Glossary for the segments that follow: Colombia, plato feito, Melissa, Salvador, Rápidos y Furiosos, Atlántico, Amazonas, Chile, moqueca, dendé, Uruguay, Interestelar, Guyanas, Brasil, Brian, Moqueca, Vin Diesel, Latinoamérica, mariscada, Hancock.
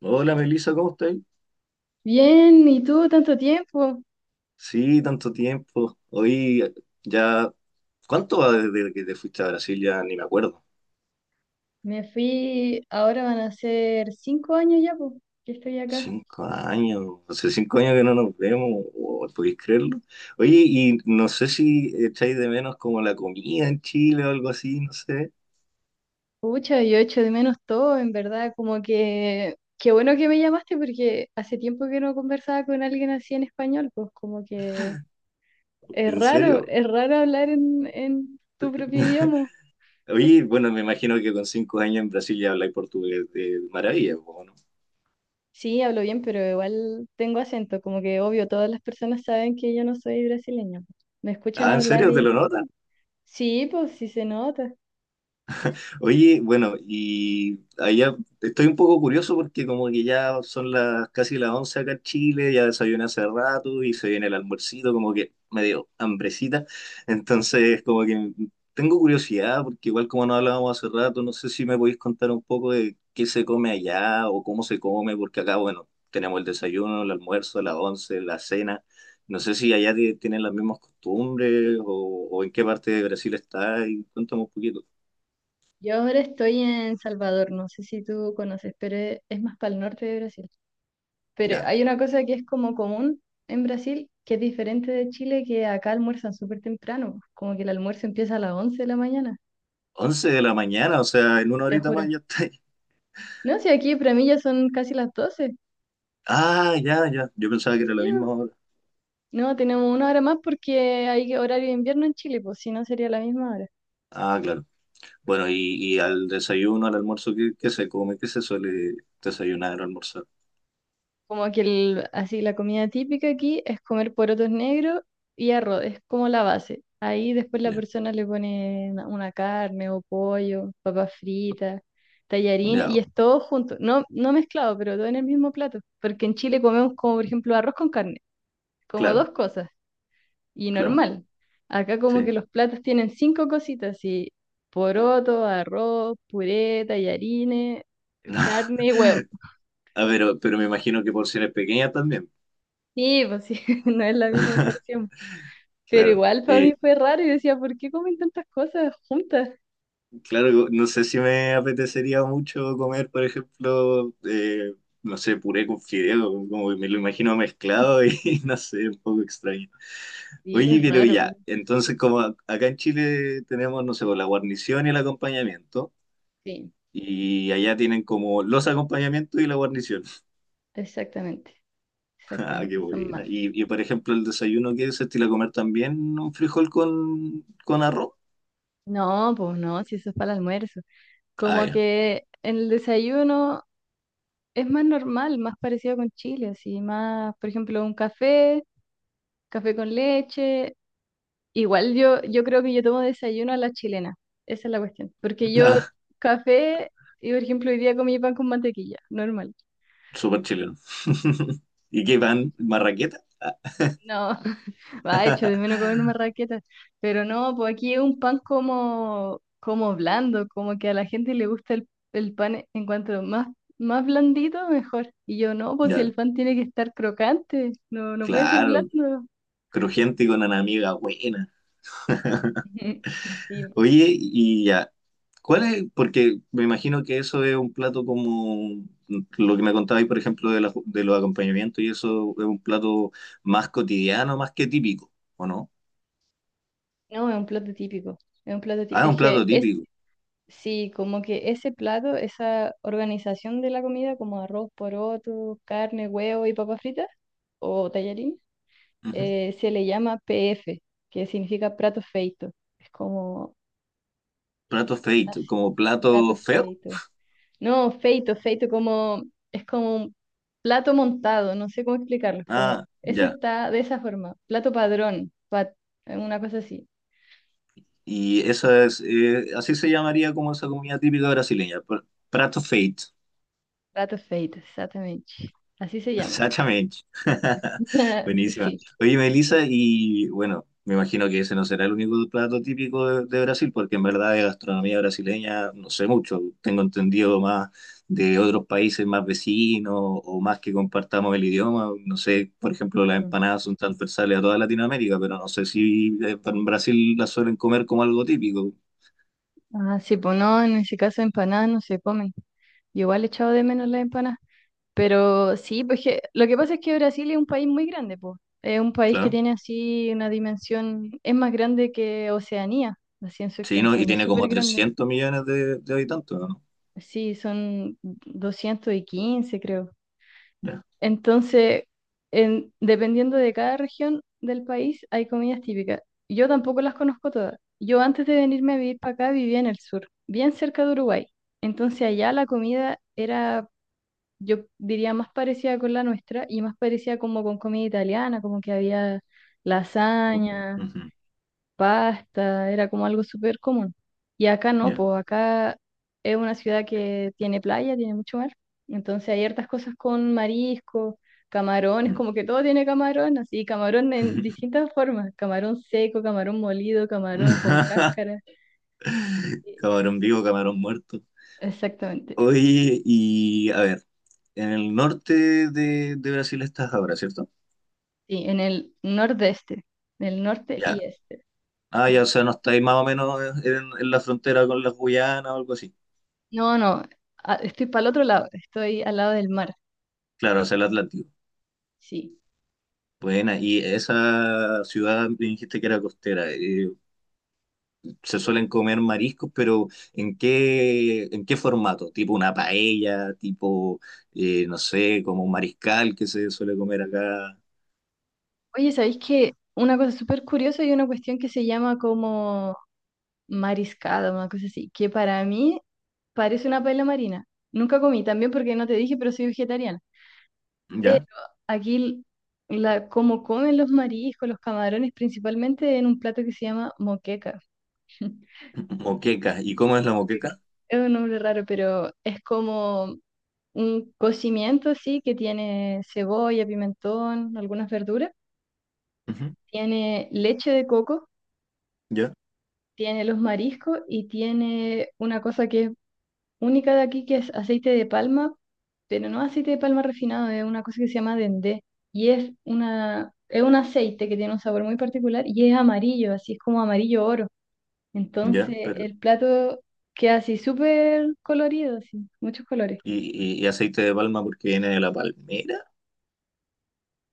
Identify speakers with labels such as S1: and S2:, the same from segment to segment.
S1: Hola Melissa, ¿cómo estáis?
S2: Bien, ¿y tú? Tanto tiempo.
S1: Sí, tanto tiempo. Hoy ya. ¿Cuánto va desde que te fuiste a Brasil? Ya ni me acuerdo.
S2: Me fui, ahora van a ser 5 años ya, pues, que estoy acá.
S1: 5 años. Hace 5 años que no nos vemos. Oh, ¿podéis creerlo? Oye, y no sé si echáis de menos como la comida en Chile o algo así, no sé.
S2: Pucha, yo echo de menos todo, en verdad, como que, qué bueno que me llamaste porque hace tiempo que no conversaba con alguien así en español, pues como que
S1: ¿En serio?
S2: es raro hablar en tu propio idioma.
S1: Oye, bueno, me imagino que con 5 años en Brasil ya habláis portugués de maravilla, po, ¿no?
S2: Sí, hablo bien, pero igual tengo acento, como que obvio, todas las personas saben que yo no soy brasileña. Me escuchan
S1: Ah, ¿en
S2: hablar
S1: serio? ¿Te lo
S2: y
S1: notas?
S2: sí, pues sí se nota.
S1: Oye, bueno, y allá estoy un poco curioso porque como que ya son las casi las 11 acá en Chile, ya desayuné hace rato y se viene el almuercito, como que me dio hambrecita. Entonces, como que tengo curiosidad porque igual como no hablábamos hace rato, no sé si me podéis contar un poco de qué se come allá o cómo se come, porque acá, bueno, tenemos el desayuno, el almuerzo, las 11, la cena. No sé si allá tienen las mismas costumbres o en qué parte de Brasil está y cuéntame un poquito.
S2: Yo ahora estoy en Salvador, no sé si tú conoces, pero es más para el norte de Brasil. Pero hay una cosa que es como común en Brasil, que es diferente de Chile, que acá almuerzan súper temprano, como que el almuerzo empieza a las 11 de la mañana,
S1: 11 de la mañana, o sea, en una
S2: te
S1: horita más
S2: juro.
S1: ya está ahí.
S2: No, si aquí para mí ya son casi las 12.
S1: Ah, ya, ya. Yo pensaba que era la
S2: Sí, bo.
S1: misma hora.
S2: No, tenemos una hora más porque hay horario de invierno en Chile, pues si no sería la misma hora.
S1: Ah, claro. Bueno, y al desayuno, al almuerzo, ¿qué se come? ¿Qué se suele desayunar o almorzar?
S2: Como que así la comida típica aquí es comer porotos negros y arroz, es como la base. Ahí después la
S1: Ya,
S2: persona le pone una carne o pollo, papas fritas, tallarín y
S1: ya,
S2: es todo junto, no, no mezclado, pero todo en el mismo plato. Porque en Chile comemos como por ejemplo arroz con carne, como
S1: claro,
S2: dos cosas y
S1: claro,
S2: normal. Acá como que
S1: sí.
S2: los platos tienen cinco cositas y poroto, arroz, puré, tallarines, carne y huevo.
S1: Ah, pero me imagino que porciones pequeñas también.
S2: Sí, pues sí, no es la misma porción. Pero
S1: Claro.
S2: igual para mí fue raro y decía, ¿por qué comen tantas cosas juntas?
S1: Claro, no sé si me apetecería mucho comer, por ejemplo, no sé, puré con fideo, como que me lo imagino mezclado y no sé, un poco extraño.
S2: Sí,
S1: Oye,
S2: es
S1: pero
S2: raro,
S1: ya, entonces como acá en Chile tenemos, no sé, pues, la guarnición y el acompañamiento,
S2: sí,
S1: y allá tienen como los acompañamientos y la guarnición.
S2: exactamente,
S1: Ah, qué
S2: exactamente, son
S1: buena.
S2: más.
S1: Y, por ejemplo, el desayuno que se estila comer también un frijol con arroz.
S2: No, pues no, si eso es para el almuerzo.
S1: Ah,
S2: Como
S1: ya.
S2: que en el desayuno es más normal, más parecido con Chile, así, más, por ejemplo, un café, café con leche. Igual yo creo que yo tomo desayuno a la chilena, esa es la cuestión. Porque yo
S1: Ah,
S2: café, y por ejemplo, hoy día comí pan con mantequilla, normal.
S1: súper chileno. ¿Y qué pan? ¿Marraqueta? Ah,
S2: No, va hecho de menos comer una raqueta. Pero no, pues aquí es un pan como blando, como que a la gente le gusta el pan en cuanto más, más blandito, mejor. Y yo no, pues si
S1: ya,
S2: el pan tiene que estar crocante, no, no puede ser
S1: claro,
S2: blando.
S1: crujiente y con una amiga buena.
S2: Ujú. Sí,
S1: Oye, y ya. ¿Cuál es? Porque me imagino que eso es un plato como lo que me contabais, por ejemplo, de los acompañamientos, y eso es un plato más cotidiano, más que típico, ¿o no?
S2: no, es un plato típico. Es un plato
S1: Ah,
S2: típico.
S1: es
S2: Es
S1: un
S2: que
S1: plato
S2: es,
S1: típico.
S2: sí, como que ese plato, esa organización de la comida, como arroz, poroto, carne, huevo y papas fritas, o tallarines
S1: Ujú.
S2: se le llama PF, que significa plato feito. Es como
S1: Plato feito,
S2: así,
S1: como plato
S2: plato
S1: feo.
S2: feito. No, feito, feito como es como un plato montado, no sé cómo explicarlo, es como
S1: Ah,
S2: eso
S1: ya.
S2: está de esa forma, plato padrón, una cosa así,
S1: Y eso es, así se llamaría como esa comida típica brasileña, prato feito.
S2: plato feito, exactamente. Así se llama.
S1: Exactamente. Buenísima.
S2: Sí.
S1: Oye, Melissa, y bueno, me imagino que ese no será el único plato típico de Brasil, porque en verdad de gastronomía brasileña no sé mucho. Tengo entendido más de otros países más vecinos o más que compartamos el idioma. No sé, por ejemplo, las
S2: Mm.
S1: empanadas son transversales a toda Latinoamérica, pero no sé si en Brasil las suelen comer como algo típico.
S2: Ah, sí, pues no, en ese caso empanadas no se comen. Yo igual he echado de menos las empanadas. Pero sí, pues que, lo que pasa es que Brasil es un país muy grande, pues. Es un país que
S1: Claro.
S2: tiene así una dimensión, es más grande que Oceanía, así en su
S1: Sí, ¿no? Y
S2: extensión, es
S1: tiene como
S2: súper grande.
S1: 300 millones de habitantes, ¿o no?
S2: Sí, son 215 creo.
S1: Ya.
S2: Entonces, dependiendo de cada región del país, hay comidas típicas. Yo tampoco las conozco todas. Yo antes de venirme a vivir para acá vivía en el sur, bien cerca de Uruguay. Entonces allá la comida era yo diría más parecida con la nuestra y más parecida como con comida italiana, como que había lasaña,
S1: Ujú.
S2: pasta, era como algo súper común. Y acá no,
S1: Ya.
S2: pues acá es una ciudad que tiene playa, tiene mucho mar, entonces hay hartas cosas con marisco, camarones,
S1: Mm.
S2: como que todo tiene camarón, así camarón en distintas formas, camarón seco, camarón molido, camarón con cáscara. Sí,
S1: Camarón vivo, camarón muerto.
S2: exactamente,
S1: Oye, y a ver, en el norte de Brasil estás ahora, ¿cierto?
S2: sí, en el nordeste, en el norte y
S1: Ya.
S2: este.
S1: Ah, ya, o sea, no estáis más o menos en la frontera con las Guyanas o algo así.
S2: No, no, estoy para el otro lado, estoy al lado del mar,
S1: Claro, hacia el Atlántico.
S2: sí.
S1: Buena, y esa ciudad me dijiste que era costera, se suelen comer mariscos, pero ¿en qué formato? ¿Tipo una paella? ¿Tipo, no sé, como un mariscal que se suele comer acá?
S2: Oye, ¿sabéis que una cosa súper curiosa y una cuestión que se llama como mariscada, una cosa así, que para mí parece una paella marina? Nunca comí, también porque no te dije, pero soy vegetariana. Pero
S1: ya.
S2: aquí, como comen los mariscos, los camarones, principalmente en un plato que se llama moqueca.
S1: Moqueca. ¿Y cómo es la
S2: Moqueca.
S1: moqueca?
S2: Es un nombre raro, pero es como un cocimiento, sí, que tiene cebolla, pimentón, algunas verduras,
S1: Ujú.
S2: tiene leche de coco,
S1: Ya,
S2: tiene los mariscos y tiene una cosa que es única de aquí, que es aceite de palma, pero no aceite de palma refinado, es una cosa que se llama dendé y es un aceite que tiene un sabor muy particular y es amarillo, así es como amarillo oro.
S1: ya,
S2: Entonces
S1: pero.
S2: el plato queda así súper colorido, así, muchos colores.
S1: ¿Y, y aceite de palma porque viene de la palmera?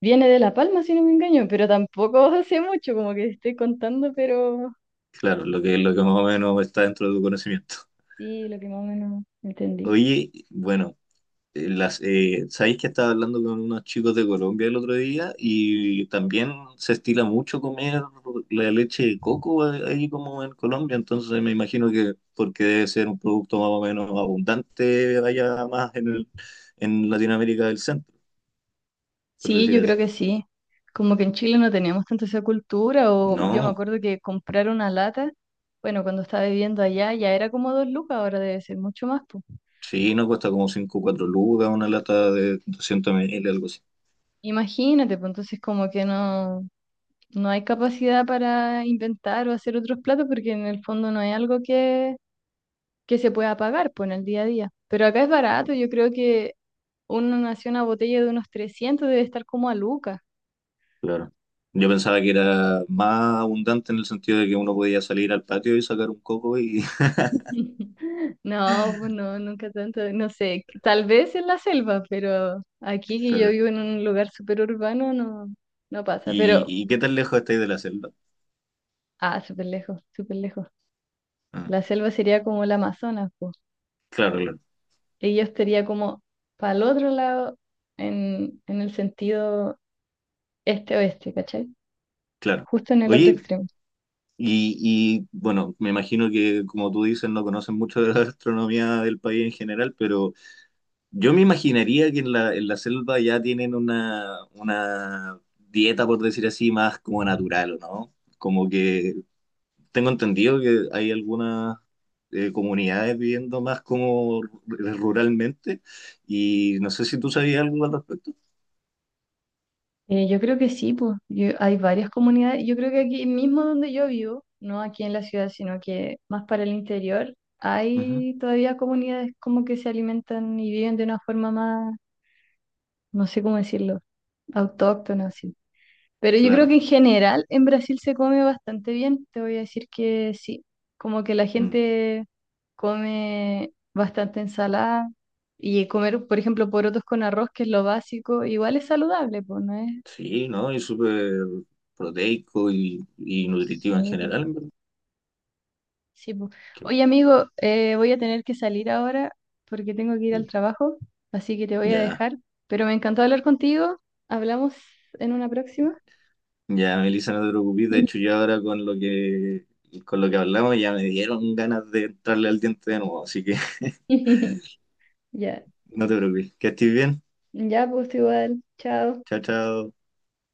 S2: Viene de La Palma, si no me engaño, pero tampoco sé mucho, como que estoy contando, pero
S1: Claro, lo que más o menos está dentro de tu conocimiento.
S2: sí, lo que más o menos entendí.
S1: Oye, bueno, sabéis que estaba hablando con unos chicos de Colombia el otro día y también se estila mucho comer la leche de coco, ahí como en Colombia, entonces me imagino que porque debe ser un producto más o menos abundante allá más en Latinoamérica del centro, por
S2: Sí,
S1: decir
S2: yo creo
S1: así.
S2: que sí. Como que en Chile no teníamos tanto esa cultura, o yo me
S1: No.
S2: acuerdo que comprar una lata, bueno, cuando estaba viviendo allá ya era como 2 lucas, ahora debe ser mucho más, pues.
S1: Sí, no cuesta como 5 o 4 lucas una lata de 200 ml, algo así.
S2: Imagínate, pues entonces como que no, no hay capacidad para inventar o hacer otros platos, porque en el fondo no hay algo que se pueda pagar pues, en el día a día. Pero acá es barato, yo creo que una botella de unos 300 debe estar como a Luca.
S1: Claro. Yo pensaba que era más abundante en el sentido de que uno podía salir al patio y sacar un coco y...
S2: No, pues no, nunca tanto, no sé, tal vez en la selva, pero aquí que yo
S1: Claro.
S2: vivo en un lugar súper urbano no, no pasa, pero,
S1: Y qué tan lejos estáis de la celda?
S2: ah, súper lejos, súper lejos.
S1: Ah,
S2: La selva sería como el Amazonas, pues,
S1: claro, claro,
S2: y yo estaría como para el otro lado en el sentido este-oeste, ¿cachai?
S1: claro.
S2: Justo en el otro
S1: Oye,
S2: extremo.
S1: y, y bueno, me imagino que como tú dices, no conocen mucho de la gastronomía del país en general, pero yo me imaginaría que en la selva ya tienen una dieta, por decir así, más como natural, ¿o no? Como que tengo entendido que hay algunas comunidades viviendo más como ruralmente y no sé si tú sabías algo al respecto.
S2: Yo creo que sí, pues hay varias comunidades. Yo creo que aquí mismo donde yo vivo, no aquí en la ciudad, sino que más para el interior,
S1: Ujú.
S2: hay todavía comunidades como que se alimentan y viven de una forma más, no sé cómo decirlo, autóctona, así. Pero yo creo
S1: Claro.
S2: que en general en Brasil se come bastante bien. Te voy a decir que sí, como que la
S1: Mm.
S2: gente come bastante ensalada y comer, por ejemplo, porotos con arroz, que es lo básico, igual es saludable, pues no es.
S1: Sí, ¿no? Y súper proteico y nutritivo en
S2: Sí, pues.
S1: general, en verdad.
S2: Sí, po.
S1: Qué
S2: Oye, amigo, voy a tener que salir ahora porque tengo que ir al
S1: bueno.
S2: trabajo, así que te voy a
S1: Ya,
S2: dejar. Pero me encantó hablar contigo. Hablamos en una próxima.
S1: ya, Melissa, no te preocupes. De hecho, yo ahora con lo que hablamos ya me dieron ganas de entrarle al diente de nuevo, así que
S2: Ya,
S1: no te preocupes. Que estés bien.
S2: ya, pues igual. Chao.
S1: Chao, chao.